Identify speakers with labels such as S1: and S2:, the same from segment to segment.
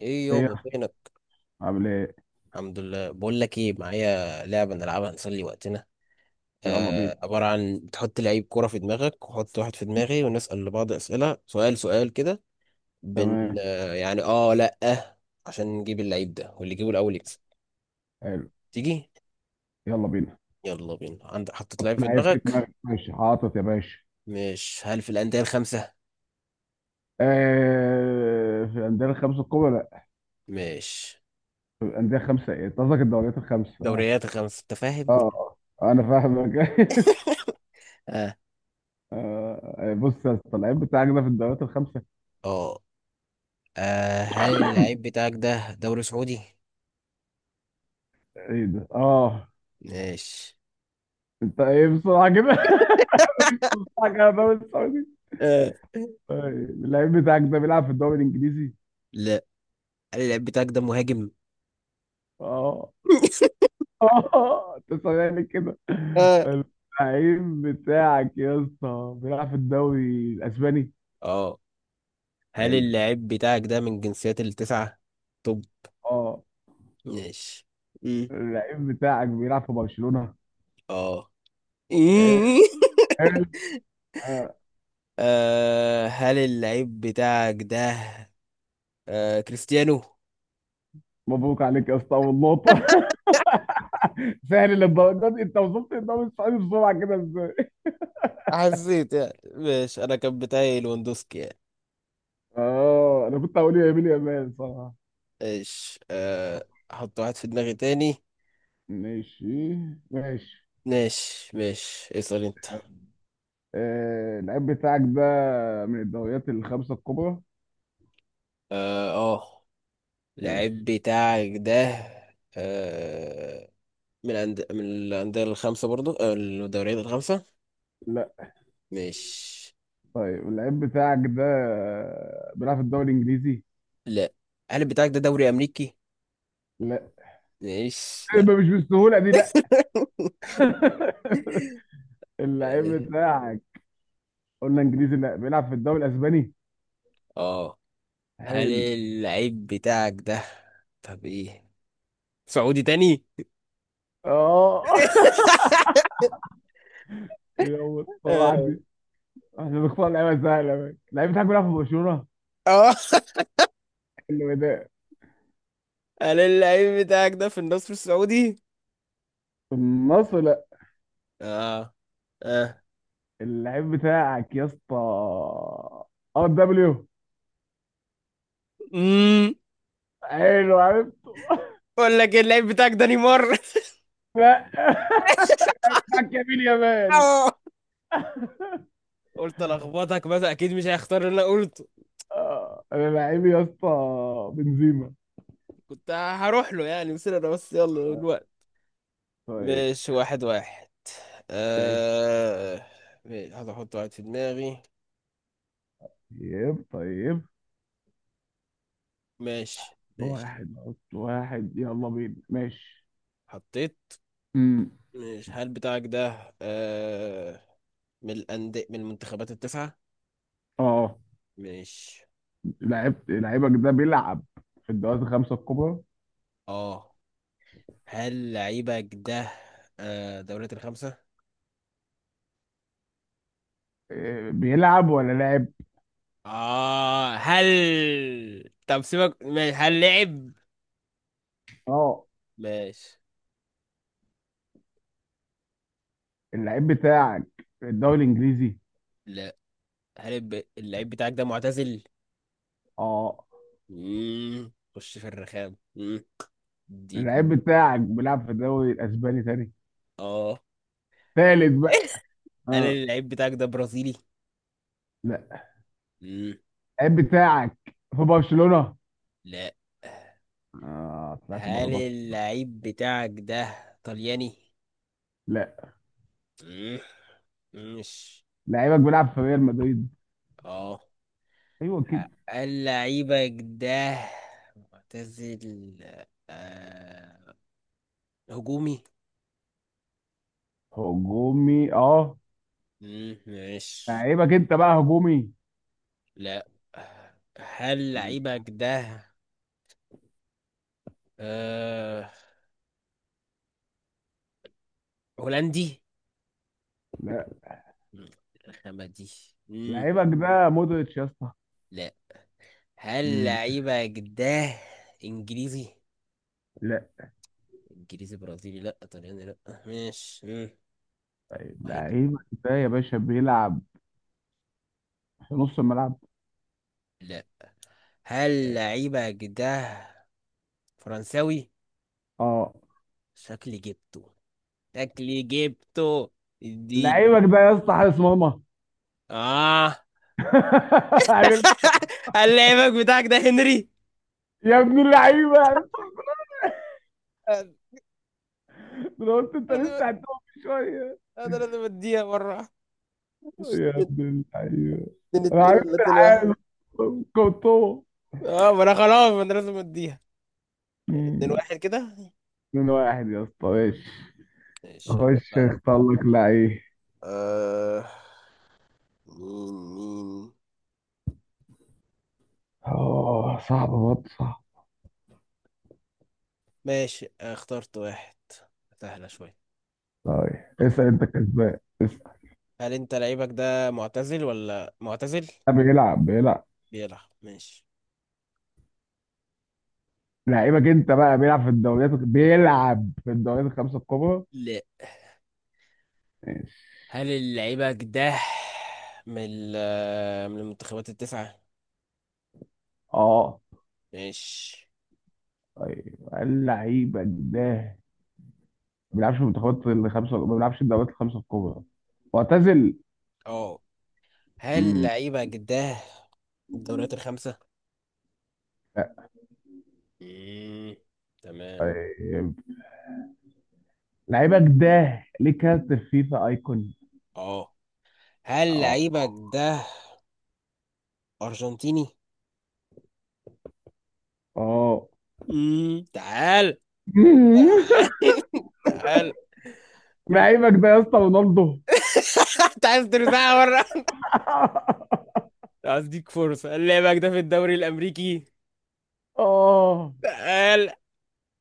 S1: ايه
S2: ايه يا
S1: يابا
S2: اسطى؟
S1: فينك؟
S2: عامل ايه؟
S1: الحمد لله، بقول لك ايه، معايا لعبه نلعبها نسلي وقتنا.
S2: يلا بينا.
S1: آه، عباره عن بتحط لعيب كوره في دماغك وحط واحد في دماغي ونسال لبعض اسئله، سؤال سؤال كده. بن
S2: تمام.
S1: آه يعني، اه، لا، آه. عشان نجيب اللعيب ده، واللي يجيبه الاول يكسب.
S2: حلو.
S1: تيجي؟
S2: يلا بينا.
S1: يلا بينا، عندك؟ حطيت
S2: حط
S1: لعيب في
S2: لعيب في
S1: دماغك؟
S2: دماغك. ماشي، حاطط يا باشا.
S1: مش هل في الانديه الخمسه؟
S2: آه، في الانديه الخمسه الكبرى؟ لا.
S1: مش،
S2: في الانديه الخمسه؟ ايه، أنت قصدك الدوريات الخمسه. اه.
S1: دوريات الخمسه، انت
S2: اه.
S1: فاهمني.
S2: آه، انا فاهمك.
S1: اه.
S2: بص يا اسطى، اللعيب بتاعك ده في الدوريات الخمسه.
S1: اه. آه، هل اللعيب بتاعك ده دوري سعودي؟
S2: ايه ده؟ اه.
S1: ماشي.
S2: انت ايه؟ بسرعه كده. بسرعه كده؟ يا الدوري السعودي!
S1: آه.
S2: طيب، اللعيب بتاعك ده بيلعب في الدوري الانجليزي؟
S1: لا. هل اللاعب بتاعك ده مهاجم؟
S2: اه. اه، تسمعني كده.
S1: آه.
S2: اللعيب بتاعك يا اسطى بيلعب في الدوري الاسباني.
S1: اه. هل
S2: حلو.
S1: اللاعب بتاعك ده من جنسيات التسعة؟ طب،
S2: اه.
S1: ماشي. مم.
S2: اللعيب بتاعك بيلعب في برشلونة.
S1: اه.
S2: حلو.
S1: إيه؟
S2: حلو. آه،
S1: آه، هل اللعيب بتاعك ده كريستيانو؟
S2: مبروك عليك يا اسطى، اول نقطة. سهل للدرجة دي! انت وصلت الدوري السعودي بسرعة كده ازاي؟
S1: حسيت يعني، ماشي، انا كان بتاعي لواندوسكي يعني.
S2: اه، انا كنت هقول يا يمين يا مان صراحة.
S1: ماشي، احط واحد في دماغي تاني.
S2: ماشي. ماشي.
S1: ماشي ماشي، اسأل انت.
S2: اللعيب بتاعك ده من الدوريات الخمسة الكبرى.
S1: اه.
S2: ماشي.
S1: اللعيب بتاعك ده، آه من الأندية الخمسة برضو، الدوريات الخمسة.
S2: لا.
S1: مش،
S2: طيب، اللعيب بتاعك ده بيلعب في الدوري الانجليزي؟
S1: لا. هل بتاعك ده دوري أمريكي؟
S2: لا.
S1: مش، لا.
S2: يبقى مش بالسهوله دي، لا. اللعيب بتاعك، قلنا انجليزي لا، بيلعب في الدوري الاسباني؟
S1: اه. هل
S2: حلو.
S1: اللعيب بتاعك ده، طب ايه، سعودي تاني؟
S2: اه. يلا، طبعا
S1: اه.
S2: دي احنا بنختار لعيبه سهله. بقى اللعيب بتاعك بيلعب في برشلونه؟
S1: آه.
S2: حلو ده.
S1: هل اللعيب بتاعك ده في النصر السعودي؟
S2: في النصر؟ لا.
S1: اه. اه.
S2: اللعيب بتاعك يا اسطى RW.
S1: امم.
S2: حلو، عرفته.
S1: اقول لك إيه، اللعيب بتاعك ده نيمار؟
S2: لا. اللعيب بتاعك يمين يامال.
S1: قلت الخبطك، بس اكيد مش هيختار اللي انا.
S2: انا لعيبي يا اسطى بنزيما.
S1: كنت هروح له يعني، بس انا بس، يلا
S2: آه.
S1: الوقت.
S2: طيب.
S1: ماشي واحد واحد.
S2: طيب.
S1: آه... ماشي، هذا احط واحد في دماغي.
S2: طيب.
S1: ماشي ماشي.
S2: واحد. حط واحد، يلا بينا. ماشي.
S1: حطيت.
S2: امم.
S1: ماشي، هل بتاعك ده من المنتخبات التسعة.
S2: اه.
S1: ماشي.
S2: لعبت لعيبك ده بيلعب في الدوريات الخمسة الكبرى.
S1: اه. هل لعيبك ده دوريات الخمسة؟
S2: إيه، بيلعب ولا لعب؟
S1: اه. هل، طب سيبك، ماشي، هل لعب؟
S2: اه.
S1: ماشي.
S2: اللعيب بتاعك في الدوري الانجليزي.
S1: لا. هل اللعيب بتاعك ده معتزل؟
S2: اه.
S1: مم. خش في الرخام. مم. الدين.
S2: اللعيب بتاعك بيلعب في الدوري الاسباني تاني.
S1: اه.
S2: تالت بقى.
S1: هل
S2: اه.
S1: اللعيب بتاعك ده برازيلي؟
S2: لا.
S1: مم.
S2: اللعيب بتاعك في برشلونة.
S1: لا.
S2: اه، طلعت بره
S1: هل
S2: برشلونة.
S1: اللعيب بتاعك ده طلياني؟
S2: لا.
S1: مم. مش.
S2: لعيبك بيلعب في ريال مدريد.
S1: اه.
S2: ايوه كده.
S1: هل لعيبك ده معتزل، آه... هجومي؟
S2: هجومي. اه.
S1: مم. مش.
S2: لعيبك انت بقى هجومي.
S1: لا. هل لعيبك ده آه... هولندي؟
S2: لا.
S1: مم. الرخامة دي. مم.
S2: لعيبك ده مودريتش يا اسطى.
S1: لا. هل
S2: مم.
S1: لعيبة جداه انجليزي؟
S2: لا.
S1: انجليزي، برازيلي، لا، طلياني، لا. ماشي. مم.
S2: طيب،
S1: مهاجم.
S2: لعيبك ده يا باشا بيلعب في نص الملعب.
S1: لا. هل لعيبة جداه فرنساوي؟
S2: اه.
S1: شكلي جبته. شكلي جبته. الدين.
S2: لعيبك ده يا اسطى حارس مرمى.
S1: اه.
S2: عرفت؟
S1: هل لعيبك بتاعك ده هنري؟
S2: يا ابن اللعيبه! عرفت؟ انا قلت انت
S1: انا
S2: لسه هتقف شويه.
S1: أنا لازم اديها مرة، مش
S2: يا
S1: اتنين.
S2: ابن اللعيبه!
S1: اتنين
S2: انا
S1: اتنين، ولا
S2: عرفت
S1: اتنين واحد؟
S2: الحارس، كورتوا.
S1: اه، ما انا خلاص، ما انا لازم اديها اتنين
S2: مم.
S1: واحد كده.
S2: من واحد يا اسطى، ماشي.
S1: ماشي.
S2: خش اختار لك لعيب.
S1: آه. مين مين.
S2: اه، صعب برضه، صعب.
S1: ماشي، اخترت واحد. سهلة شوية.
S2: طيب، اسال
S1: اختار.
S2: انت كسبان، اسال.
S1: هل انت لعيبك ده معتزل ولا معتزل؟
S2: بيلعب بيلعب.
S1: بيلعب، ماشي.
S2: لعيبك انت بقى بيلعب في الدوريات الخمسه الكبرى.
S1: لا.
S2: ماشي.
S1: هل لعيبك ده من ال- آه، من المنتخبات التسعة.
S2: اه.
S1: ماشي.
S2: طيب، هل لعيبك ده ما بيلعبش في المنتخبات الخمسه، ما بيلعبش في الدوريات الخمسه الكبرى، معتزل.
S1: اه. هل
S2: امم.
S1: لعيبك ده الدوريات الخمسة؟
S2: لا.
S1: مم. تمام.
S2: طيب، لعيبك ده ليه كارت في فيفا ايكون.
S1: اه. هل
S2: اه.
S1: لعيبك ده أرجنتيني؟
S2: اه.
S1: مم. تعال. تعال. تعال.
S2: لعيبك ده يا اسطى رونالدو.
S1: انت عايز ترزعها بره؟ اديك فرصة، لعبك ده في الدوري الامريكي؟
S2: اه.
S1: تعال.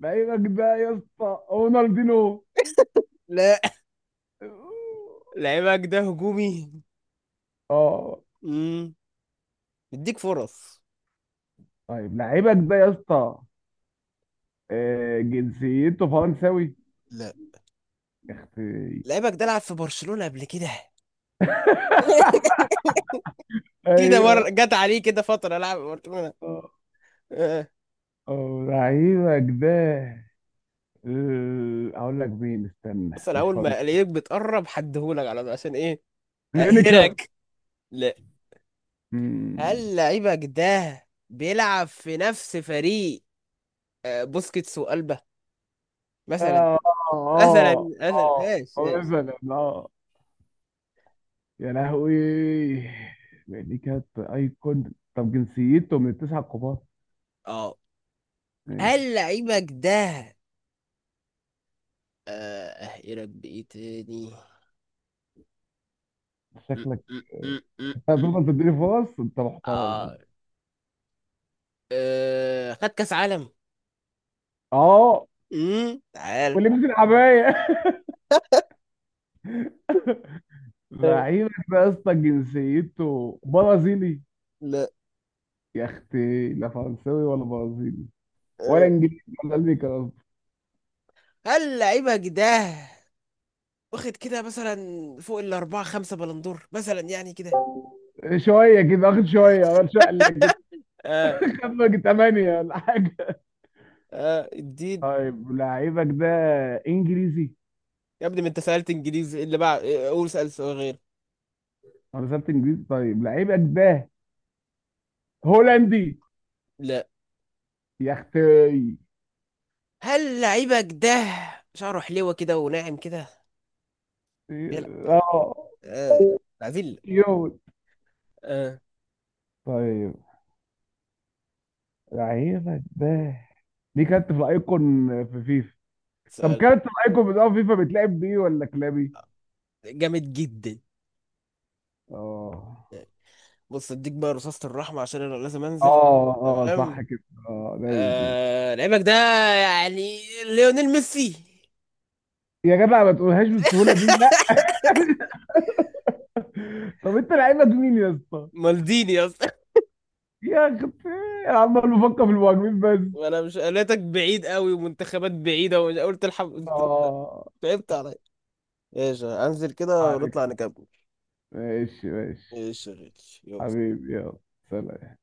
S2: لعيبك ده يا اسطى رونالدينو.
S1: لا. لعبك ده هجومي؟
S2: اه.
S1: امم اديك فرص.
S2: طيب، لعيبك ده يا اسطى جنسيته فرنساوي.
S1: لا.
S2: اختي!
S1: لعبك ده لعب في برشلونة قبل كده؟ كده مرة
S2: ايوه.
S1: جت عليه كده فترة لعب في برشلونة.
S2: اه.
S1: آه.
S2: لعيبك ده اقول لك مين،
S1: بس
S2: استنى،
S1: انا
S2: مش
S1: اول ما
S2: فرنسا.
S1: الاقيك بتقرب حدهولك على طول، عشان ايه؟
S2: كلينيكا.
S1: اقهرك. لا.
S2: مم.
S1: هل لعيبك ده بيلعب في نفس فريق بوسكيتس وقلبه، مثلا؟
S2: اه.
S1: مثلا.
S2: اه. اه.
S1: مثلا ايش ايش.
S2: مثلا اه. يا لهوي! دي كانت ايكون. طب جنسيته من التسعه الكبار.
S1: اه. هل
S2: ماشي.
S1: لعيبك ده يا رب، ايه تاني؟ م-
S2: شكلك.
S1: م- م- م- م.
S2: هتفضل تديني فرص؟ انت محترم والله.
S1: اه. آه، خد كاس عالم.
S2: اه.
S1: تعال.
S2: ولبس الحبايه.
S1: آه،
S2: لعيبك ده يا اسطى جنسيته برازيلي.
S1: لا.
S2: يا اختي، لا فرنساوي ولا برازيلي ولا
S1: آه.
S2: انجليزي ولا امريكي قصدي.
S1: هل لعيبك ده واخد كده مثلا فوق الأربعة خمسة بلندور، مثلا يعني كده؟
S2: شويه كده واخد، شويه واخد شويه قال لك كده.
S1: اه.
S2: خمك ثمانيه ولا حاجه.
S1: اه. الدين.
S2: طيب، لعيبك ده انجليزي.
S1: يا ابني، ما انت سألت انجليزي اللي بعد، قول سأل سؤال غير.
S2: انا سألت انجليزي. طيب، لعيبك ده هولندي.
S1: لا.
S2: يا اختي.
S1: هل لعيبك ده شعره حلوة كده وناعم كده، بيلعب؟
S2: اه.
S1: آه. العفيل.
S2: كيوت.
S1: آه.
S2: طيب، لعيبك ده دي كانت في الايكون في فيفا. طب
S1: سؤال.
S2: كانت في الايكون بتاع فيفا بتلعب بيه ولا كلابي.
S1: جامد جدا،
S2: اه.
S1: يعني. بص، اديك بقى رصاصة الرحمة عشان انا لازم انزل.
S2: اه. اه صح
S1: تمام.
S2: كده. اه لازم.
S1: لعيبك ده يعني ليونيل ميسي؟
S2: يا جدع، ما تقولهاش بالسهوله دي، لا. طب انت لعيبك مين يا اسطى؟
S1: مالديني يا اسطى.
S2: يا اخي، انا عمال بفكر في المهاجمين بس.
S1: وانا مش قالتك بعيد قوي ومنتخبات بعيدة ومش قلت الحب انت؟
S2: اه.
S1: تعبت عليا. ايش، انزل كده
S2: عليك.
S1: ونطلع نكمل.
S2: ماشي. ماشي.
S1: ايش يا غالي. يلا.
S2: حبيبي يلا. سلام.